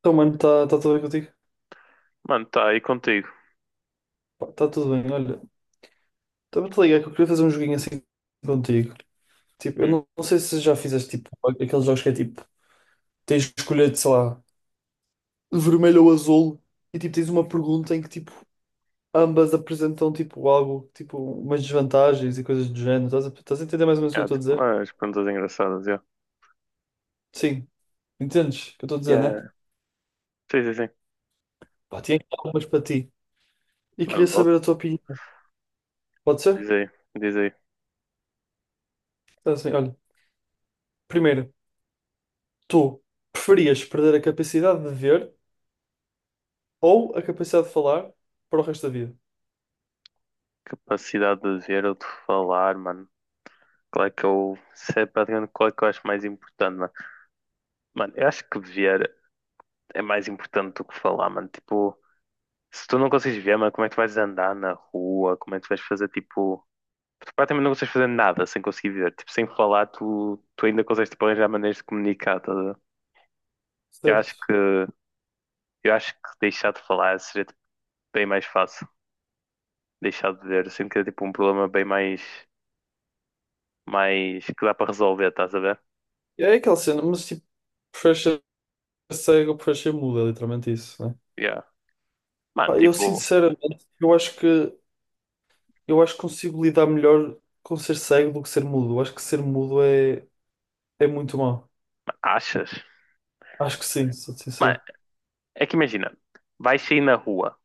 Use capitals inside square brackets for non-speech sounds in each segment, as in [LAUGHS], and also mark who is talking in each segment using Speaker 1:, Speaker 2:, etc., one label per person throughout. Speaker 1: Então, mano, está tudo bem contigo?
Speaker 2: Mano, tá aí contigo.
Speaker 1: Está tudo bem, olha. Estava-te ligar que eu queria fazer um joguinho assim contigo. Tipo, eu
Speaker 2: Hum.
Speaker 1: não sei se já fizeste tipo aqueles jogos que é tipo, tens de escolher, sei lá, vermelho ou azul, e tipo, tens uma pergunta em que tipo, ambas apresentam tipo algo, tipo, umas desvantagens e coisas do género. Estás a entender mais ou menos o que eu
Speaker 2: Ah,
Speaker 1: estou a
Speaker 2: tipo,
Speaker 1: dizer?
Speaker 2: umas perguntas engraçadas, já.
Speaker 1: Sim, entendes o que eu estou a dizer,
Speaker 2: Yeah.
Speaker 1: né?
Speaker 2: Sim, sim, sim.
Speaker 1: Pá, tinha algumas para ti. E queria
Speaker 2: Mano, bota.
Speaker 1: saber a tua opinião. Pode ser?
Speaker 2: Diz aí, diz aí.
Speaker 1: Então, assim, olha, primeiro, tu preferias perder a capacidade de ver ou a capacidade de falar para o resto da vida,
Speaker 2: Capacidade de ver ou de falar, mano. Qual é que eu. Isso é praticamente qual é que eu acho mais importante, mano. Mano, eu acho que ver é mais importante do que falar, mano. Tipo, se tu não consegues ver, mano, como é que tu vais andar na rua? Como é que tu vais fazer, tipo. Tu praticamente não consegues fazer nada sem conseguir ver. Tipo, sem falar, tu ainda consegues, tipo, arranjar maneiras de comunicar, tá a ver? Eu acho
Speaker 1: certo?
Speaker 2: que. Eu acho que deixar de falar seria bem mais fácil deixar de ver. Sinto que é tipo um problema bem mais, mais que dá para resolver, estás a ver?
Speaker 1: E é aquela cena, mas tipo, preferes ser cego ou preferes ser mudo, é literalmente isso, né?
Speaker 2: Yeah. Mano,
Speaker 1: Pá, eu
Speaker 2: tipo,
Speaker 1: sinceramente, eu acho que consigo lidar melhor com ser cego do que ser mudo. Eu acho que ser mudo é muito mau.
Speaker 2: achas?
Speaker 1: Acho que sim, sou
Speaker 2: Mano,
Speaker 1: sincero.
Speaker 2: é que imagina, vais sair na rua.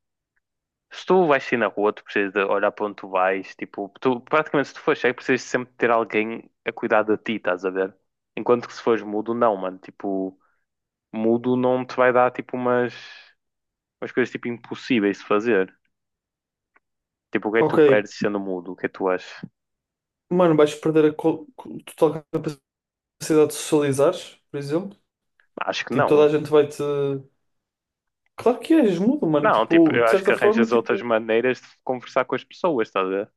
Speaker 2: Se tu vais sair na rua, tu precisas de olhar para onde tu vais. Tipo, tu, praticamente se tu fores cego, precisas sempre ter alguém a cuidar de ti, estás a ver? Enquanto que se fores mudo, não, mano. Tipo, mudo não te vai dar tipo umas, umas coisas tipo impossíveis de fazer. Tipo, o que é que tu
Speaker 1: Ok,
Speaker 2: perdes sendo mudo? O que é que tu achas?
Speaker 1: mano, vais perder a total capacidade de socializar, por exemplo.
Speaker 2: Acho que
Speaker 1: Tipo, toda
Speaker 2: não.
Speaker 1: a gente vai te. Claro que és mudo, mano.
Speaker 2: Não, tipo,
Speaker 1: Tipo,
Speaker 2: eu
Speaker 1: de
Speaker 2: acho que
Speaker 1: certa forma,
Speaker 2: arranjas outras
Speaker 1: tipo.
Speaker 2: maneiras de conversar com as pessoas, estás a ver?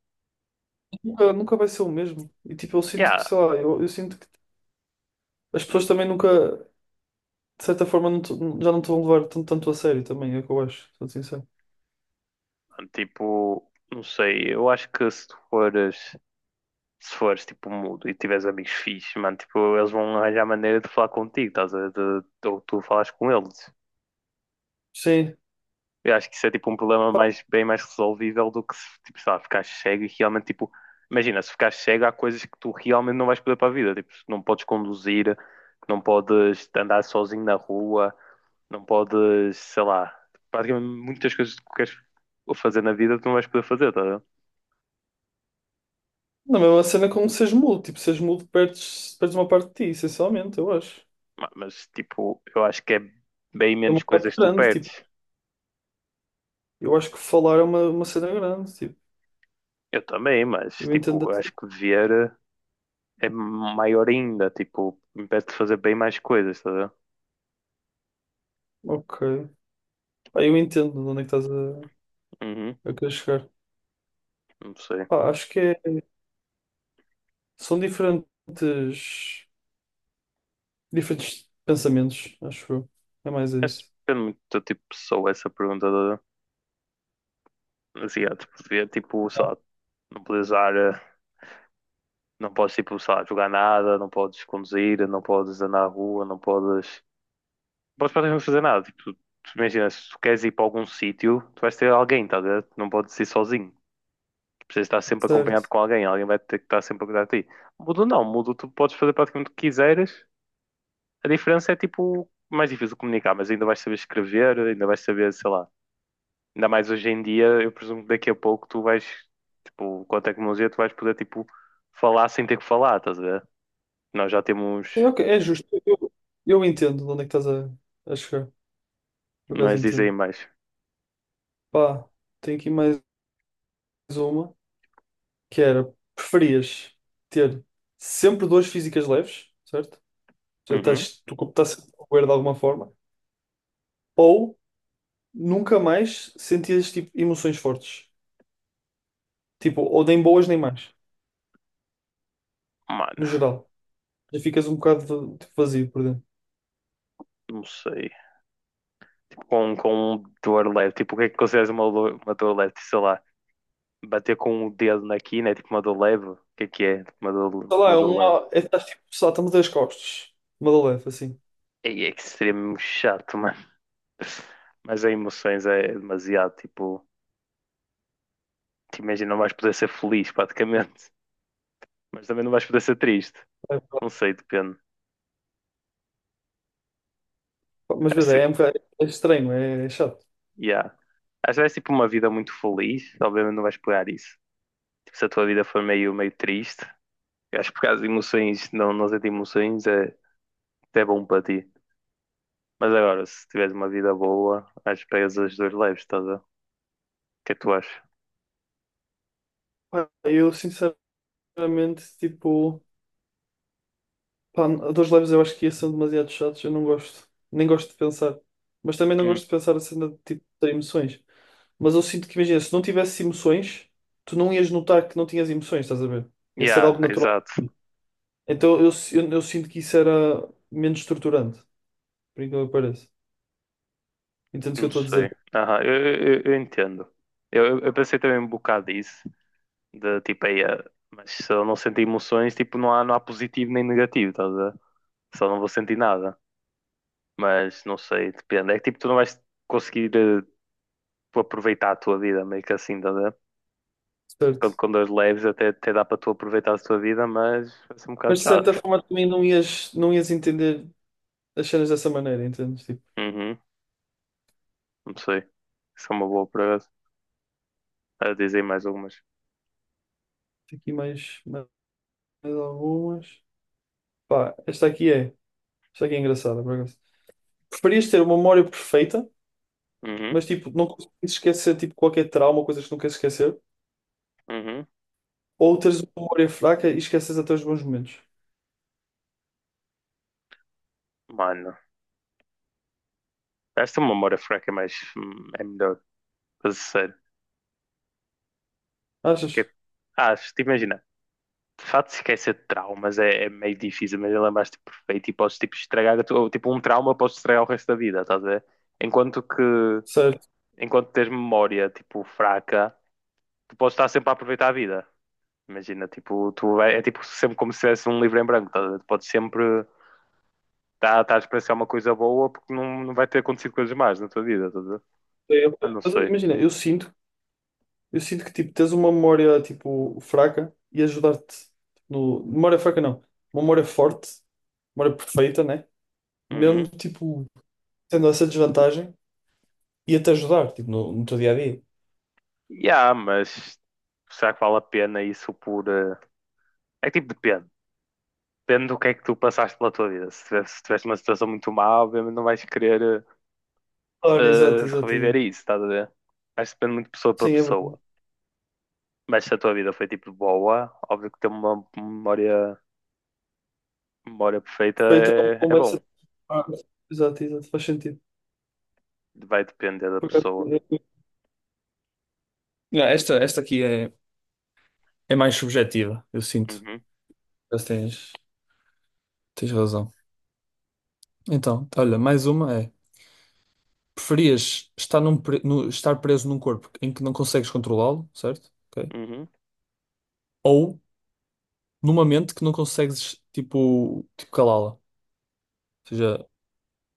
Speaker 1: Nunca vai ser o mesmo. E tipo, eu sinto que,
Speaker 2: Yeah.
Speaker 1: sei lá, eu sinto que as
Speaker 2: Hum.
Speaker 1: pessoas também nunca, de certa forma, já não te vão levar tanto, tanto a sério também, é o que eu acho, sou sincero.
Speaker 2: Tipo, não sei, eu acho que se tu fores, se fores tipo mudo e tiveres amigos fixes, mano, tipo, eles vão arranjar maneira de falar contigo, estás a ver? De- ou tu falas com eles.
Speaker 1: Sim.
Speaker 2: Eu acho que isso é tipo um problema mais, bem mais resolvível do que se, tipo, sei lá, ficar cego e realmente tipo. Imagina, se ficares cego, há coisas que tu realmente não vais poder para a vida. Tipo, não podes conduzir, não podes andar sozinho na rua, não podes, sei lá, praticamente muitas coisas que tu queres fazer na vida tu não vais poder fazer, tá a ver?
Speaker 1: Na mesma cena como seres mudo, tipo, seres mudo perdes uma parte de ti, essencialmente, eu acho.
Speaker 2: Ma- Mas tipo, eu acho que é bem
Speaker 1: É uma
Speaker 2: menos
Speaker 1: parte
Speaker 2: coisas que tu
Speaker 1: grande, tipo,
Speaker 2: perdes.
Speaker 1: eu acho que falar é uma cena grande, tipo,
Speaker 2: Eu também, mas
Speaker 1: eu entendo.
Speaker 2: tipo, eu acho que ver é maior ainda, tipo, impede de fazer bem mais coisas, tá a ver?
Speaker 1: Ok. Ah, eu entendo de onde é que
Speaker 2: Uhum.
Speaker 1: a querer chegar.
Speaker 2: Não sei.
Speaker 1: Pá, acho que são diferentes. Diferentes pensamentos, acho eu. É mais
Speaker 2: Acho que
Speaker 1: isso.
Speaker 2: depende muito do tipo de pessoa essa pergunta do asiático. Devia, tipo, sei lá, não podes usar, não podes, tipo, sei lá, jogar nada, não podes conduzir, não podes andar na rua, não podes. Não podes praticamente fazer nada. Tipo, tu imagina, se tu queres ir para algum sítio, tu vais ter alguém, estás a ver? Tu não podes ir sozinho. Tu precisas estar sempre
Speaker 1: Certo.
Speaker 2: acompanhado com alguém, alguém vai ter que estar sempre a cuidar de ti. Mudo não, mudo tu podes fazer praticamente o que quiseres. A diferença é tipo mais difícil de comunicar, mas ainda vais saber escrever, ainda vais saber, sei lá, ainda mais hoje em dia, eu presumo que daqui a pouco tu vais, tipo, com a tecnologia tu vais poder, tipo, falar sem ter que falar, estás a ver? Nós já temos,
Speaker 1: Sim, ok, é justo. Eu entendo de onde é que a chegar. Por acaso
Speaker 2: nós dizem
Speaker 1: entendo.
Speaker 2: mais.
Speaker 1: Pá, tenho aqui mais uma, que era, preferias ter sempre dores físicas leves, certo? Ou seja,
Speaker 2: Uhum.
Speaker 1: estás, tu estás sempre a doer de alguma forma, ou nunca mais sentias tipo, emoções fortes. Tipo, ou nem boas nem más,
Speaker 2: Mano,
Speaker 1: no geral. Já ficas um bocado tipo, vazio por dentro.
Speaker 2: não sei. Tipo, com um dor leve, tipo, o que é que consideras uma dor leve? Sei lá, bater com o dedo na quina é tipo uma dor leve? O que é que é? Tipo, uma dor,
Speaker 1: Sei lá,
Speaker 2: uma
Speaker 1: é
Speaker 2: dor leve.
Speaker 1: uma. É, estás tipo, salta-me das costas. Uma de leve, assim.
Speaker 2: Ei, é extremamente chato, mano. Mas as emoções é demasiado, tipo, te imagina, não vais poder ser feliz praticamente, mas também não vais poder ser triste.
Speaker 1: É,
Speaker 2: Não sei, depende.
Speaker 1: mas,
Speaker 2: Acho,
Speaker 1: um bocado- é estranho, é chato.
Speaker 2: yeah. Acho que vais tipo uma vida muito feliz, obviamente não vais pegar isso. Tipo, se a tua vida for meio, meio triste, eu acho que por causa de emoções, não, não sentir emoções é até bom para ti. Mas agora, se tiveres uma vida boa, acho que pegas as duas leves, estás a ver? O que é que tu achas?
Speaker 1: Pá, eu, sinceramente, tipo, pá, dois leves eu acho que ia ser demasiado chatos, eu não gosto. Nem gosto de pensar. Mas também não
Speaker 2: Hum.
Speaker 1: gosto de pensar a cena de tipo, ter emoções. Mas eu sinto que, imagina, se não tivesse emoções, tu não ias notar que não tinhas emoções, estás a ver? Ia ser
Speaker 2: Yeah,
Speaker 1: algo natural.
Speaker 2: exato.
Speaker 1: Então eu sinto que isso era menos estruturante, por incrível que pareça. Entendes o que eu
Speaker 2: Não
Speaker 1: estou a dizer?
Speaker 2: sei. Aham, eu entendo. Eu pensei também um bocado disso, de tipo, aí, mas se eu não sentir emoções, tipo, não há positivo nem negativo, estás a ver? Só não vou sentir nada. Mas não sei, depende. É que tipo, tu não vais conseguir tu aproveitar a tua vida, meio que assim, tá a ver? Quando,
Speaker 1: Certo.
Speaker 2: quando as leves até, até dá para tu aproveitar a tua vida, mas vai ser um bocado
Speaker 1: Mas de certa
Speaker 2: chato.
Speaker 1: forma também não ias entender as cenas dessa maneira, entendes? Tipo,
Speaker 2: Uhum, não sei. Isso é uma boa para a dizer mais algumas.
Speaker 1: tem aqui mais algumas. Pá, esta aqui é. Esta aqui é engraçada, por acaso. Preferias ter uma memória perfeita,
Speaker 2: Uhum,
Speaker 1: mas tipo, não consegues esquecer tipo, qualquer trauma ou coisas que não queres esquecer,
Speaker 2: uhum.
Speaker 1: ou teres uma memória fraca e esqueces até os bons momentos.
Speaker 2: Mano, esta memória fraca é mais, é melhor, para ser sério. Que
Speaker 1: Achas?
Speaker 2: é- Ah, se te imaginar. De facto se esquecer de traumas é, é meio difícil, mas lembraste perfeito e podes tipo, estragar, a tua- ou, tipo, um trauma podes estragar o resto da vida, estás a ver? Enquanto que,
Speaker 1: Certo.
Speaker 2: enquanto tens memória, tipo, fraca, tu podes estar sempre a aproveitar a vida. Imagina, tipo, tu é, é, tipo sempre como se tivesse um livro em branco, estás a ver? Tu podes sempre estar a experienciar uma coisa boa porque não, não vai ter acontecido coisas más na tua vida, estás a ver?
Speaker 1: É, ok.
Speaker 2: Mas não sei.
Speaker 1: Imagina, eu sinto que tipo, tens uma memória tipo, fraca e ajudar-te no. Memória fraca não. Uma memória forte, memória perfeita, né? Mesmo
Speaker 2: Uhum.
Speaker 1: tipo. Tendo essa desvantagem, ia-te ajudar, tipo, no teu dia a dia.
Speaker 2: Yeah, mas será que vale a pena isso por. É que tipo depende. Depende do que é que tu passaste pela tua vida. Se tivesse, se tiveste uma situação muito má, obviamente não vais querer
Speaker 1: Claro,
Speaker 2: reviver
Speaker 1: exato.
Speaker 2: isso, estás a ver? Acho que depende muito de pessoa para
Speaker 1: Sim, é verdade.
Speaker 2: pessoa. Mas se a tua vida foi tipo boa, óbvio que ter uma memória, memória perfeita
Speaker 1: Perfeito,
Speaker 2: é,
Speaker 1: não
Speaker 2: é
Speaker 1: vai
Speaker 2: bom.
Speaker 1: ser. Ah, exato, faz sentido.
Speaker 2: Vai depender da
Speaker 1: Por acaso,
Speaker 2: pessoa.
Speaker 1: eu- Não, esta aqui é mais subjetiva, eu sinto.
Speaker 2: Uhum,
Speaker 1: Mas tens razão. Então, olha, mais uma é: preferias estar, num pre- no- estar preso num corpo em que não consegues controlá-lo, certo? Ok.
Speaker 2: uhum.
Speaker 1: Ou numa mente que não consegues, tipo calá-la. Ou seja,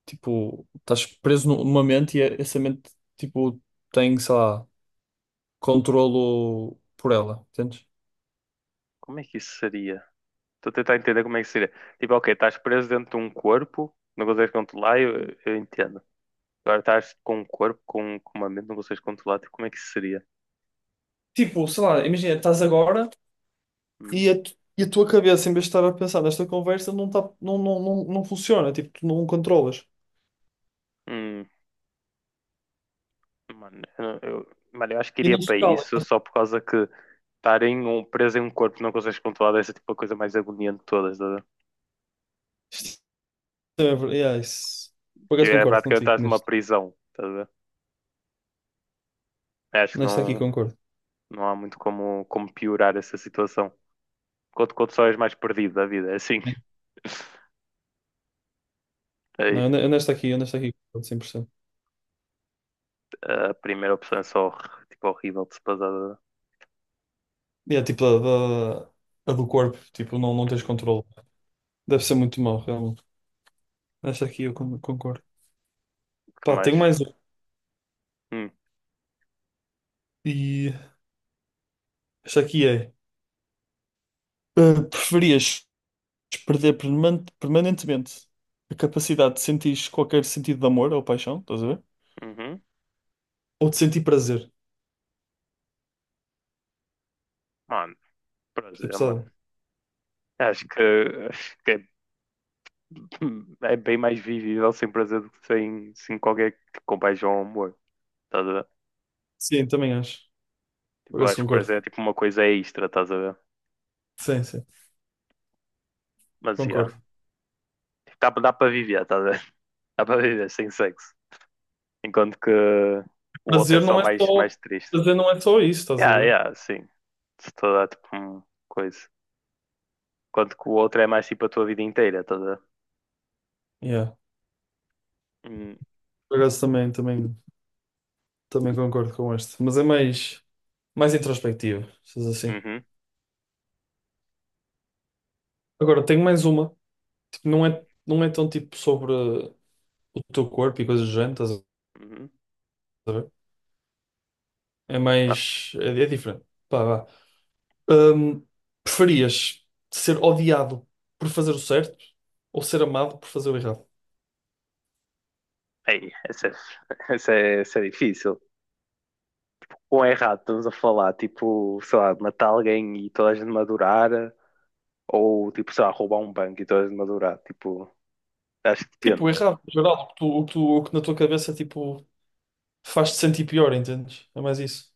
Speaker 1: tipo, estás preso numa mente e essa mente, tipo, tem, sei lá, controlo por ela, entendes?
Speaker 2: Como é que isso seria? Estou a tentar entender como é que seria. Tipo, ok, estás preso dentro de um corpo, não consegues controlar, eu entendo. Agora estás com um corpo, com uma mente, não consegues controlar, tipo, como é que isso seria?
Speaker 1: Tipo, sei lá, imagina, estás agora
Speaker 2: Hum?
Speaker 1: e a, e a tua cabeça, em vez de estar a pensar nesta conversa, não, tá, não funciona, tipo, tu não controlas.
Speaker 2: Hum. Mano, eu, não- eu- mano, eu acho que
Speaker 1: E
Speaker 2: iria
Speaker 1: não se
Speaker 2: para
Speaker 1: cala.
Speaker 2: isso só por causa que estar em um, preso em um corpo que não consegues controlar deve ser tipo a coisa mais agoniante de todas, tá a ver?
Speaker 1: Isto é ver- yeah, isso- Por
Speaker 2: Tipo,
Speaker 1: acaso
Speaker 2: é
Speaker 1: concordo
Speaker 2: praticamente
Speaker 1: contigo,
Speaker 2: estás numa prisão, tá a ver? Eu acho que
Speaker 1: nesta aqui
Speaker 2: não,
Speaker 1: concordo.
Speaker 2: não há muito como, como piorar essa situação. Quanto só és mais perdido da vida, é assim.
Speaker 1: Sim.
Speaker 2: [LAUGHS]
Speaker 1: Não,
Speaker 2: Aí,
Speaker 1: eu nesta aqui concordo 100%.
Speaker 2: a primeira opção é só tipo, horrível de se passar. Tá a
Speaker 1: E é tipo da- a do corpo, tipo, não
Speaker 2: ver?
Speaker 1: tens
Speaker 2: Uhum.
Speaker 1: controle. Deve ser muito mau, realmente. Esta aqui eu concordo.
Speaker 2: Que
Speaker 1: Pá,
Speaker 2: mais?
Speaker 1: tenho mais uma.
Speaker 2: Hum,
Speaker 1: E esta aqui é: preferias perder permanentemente a capacidade de sentir qualquer sentido de amor ou paixão, estás a ver?
Speaker 2: uhum.
Speaker 1: Ou de sentir prazer?
Speaker 2: Mano,
Speaker 1: Isto é
Speaker 2: prazer, mano.
Speaker 1: pesado.
Speaker 2: Acho que, acho que é é bem mais vivível sem prazer do que sem, sem qualquer compaixão ou amor. Estás a ver?
Speaker 1: Sim, também acho. Por
Speaker 2: Tipo, eu
Speaker 1: acaso
Speaker 2: acho que
Speaker 1: concordo.
Speaker 2: prazer é tipo uma coisa extra, estás a ver?
Speaker 1: Sim, sim,
Speaker 2: Mas yeah.
Speaker 1: concordo.
Speaker 2: Tipo, dá para viver, estás a ver? [LAUGHS] Dá para viver sem sexo. Enquanto que o outro é
Speaker 1: Prazer
Speaker 2: só
Speaker 1: não é
Speaker 2: mais,
Speaker 1: só,
Speaker 2: mais triste.
Speaker 1: prazer não é só isso, estás a
Speaker 2: Yeah,
Speaker 1: ver?
Speaker 2: yeah, sim. Se te dá tipo uma coisa. Enquanto que o outro é mais tipo a tua vida inteira, estás a ver?
Speaker 1: Yeah.
Speaker 2: Hum,
Speaker 1: Por acaso também concordo com este. Mas é mais. Mais introspectiva, se diz assim.
Speaker 2: Uhum,
Speaker 1: Agora, tenho mais uma. Tipo, não é tão tipo sobre o teu corpo e coisas do género, estás a
Speaker 2: uhum.
Speaker 1: ver? É
Speaker 2: Ah,
Speaker 1: mais. É diferente. Pá, vá. Hum, preferias ser odiado por fazer o certo ou ser amado por fazer o errado?
Speaker 2: ei, essa, é- [LAUGHS] essa é difícil. Quão errado estamos a falar, tipo, sei lá, matar alguém e toda a gente madurar, ou tipo, sei lá, roubar um banco e toda a gente madurar, tipo, acho que
Speaker 1: Tipo, o
Speaker 2: depende,
Speaker 1: errado, no geral, o que na tua cabeça tipo, faz-te sentir pior, entendes? É mais isso.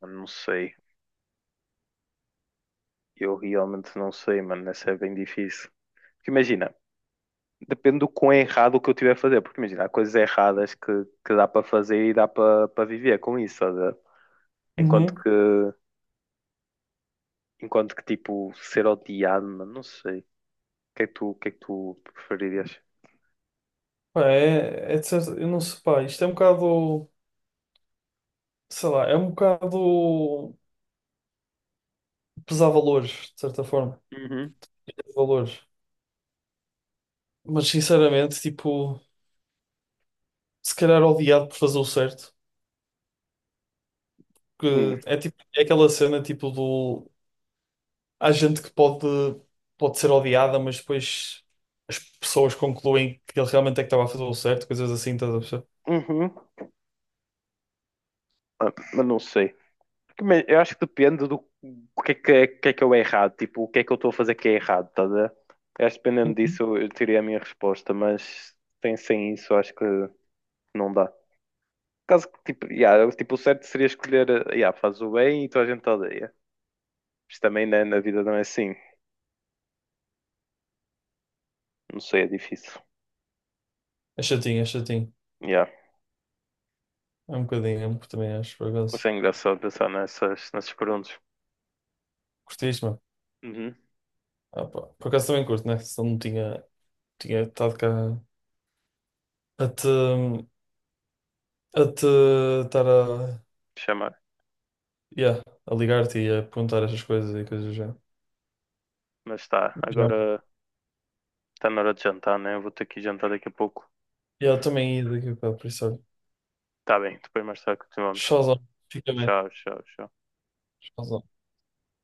Speaker 2: mano, não sei, eu realmente não sei, mano, essa é bem difícil. Porque imagina, depende do quão errado o que eu tiver a fazer, porque imagina, há coisas erradas que dá para fazer e dá para para viver com isso, estás a ver? enquanto
Speaker 1: Uhum.
Speaker 2: que, enquanto que tipo, ser odiado, mano, não sei, o que é que tu preferirias?
Speaker 1: Pá, eu não sei, pá, isto é um bocado, sei lá, é um bocado pesar valores, de certa forma.
Speaker 2: Uhum.
Speaker 1: Pesar valores. Mas sinceramente, tipo, se calhar odiado por fazer o certo,
Speaker 2: Hum.
Speaker 1: que é tipo, é aquela cena tipo do há gente que pode pode ser odiada, mas depois as pessoas concluem que ele realmente é que estava a fazer o certo, coisas assim, estás a perceber?
Speaker 2: Uhum. Ah, mas não sei. Mas eu acho que depende do o que é que, é- que é que eu é errado, tipo, o que é que eu estou a fazer que é errado, estás a ver? Eu acho que dependendo
Speaker 1: Uhum.
Speaker 2: disso eu teria a minha resposta, mas sem, sem isso eu acho que não dá. Caso que, tipo, yeah, tipo, o certo seria escolher, yeah, faz o bem e toda a gente te odeia. Mas também na, na vida não é assim, não sei, é difícil.
Speaker 1: É chatinho.
Speaker 2: Yeah.
Speaker 1: Também acho, por
Speaker 2: Mas é
Speaker 1: acaso.
Speaker 2: engraçado pensar nessas, nessas perguntas.
Speaker 1: Curtiste, mano?
Speaker 2: Uhum,
Speaker 1: Ah, pá, por acaso também curto, né? Senão não tinha. Tinha estado cá a te a te estar a,
Speaker 2: chamar.
Speaker 1: yeah, a ligar-te e a perguntar estas coisas e coisas já.
Speaker 2: Mas está,
Speaker 1: Já.
Speaker 2: agora está na hora de jantar, né? Eu vou ter que ir jantar daqui a pouco.
Speaker 1: Yeah, também ia daqui a bocado, por isso olha.
Speaker 2: Tá bem, depois mais tarde continuamos.
Speaker 1: Showzão. Fica bem.
Speaker 2: Tchau, tchau, tchau.
Speaker 1: Showzão.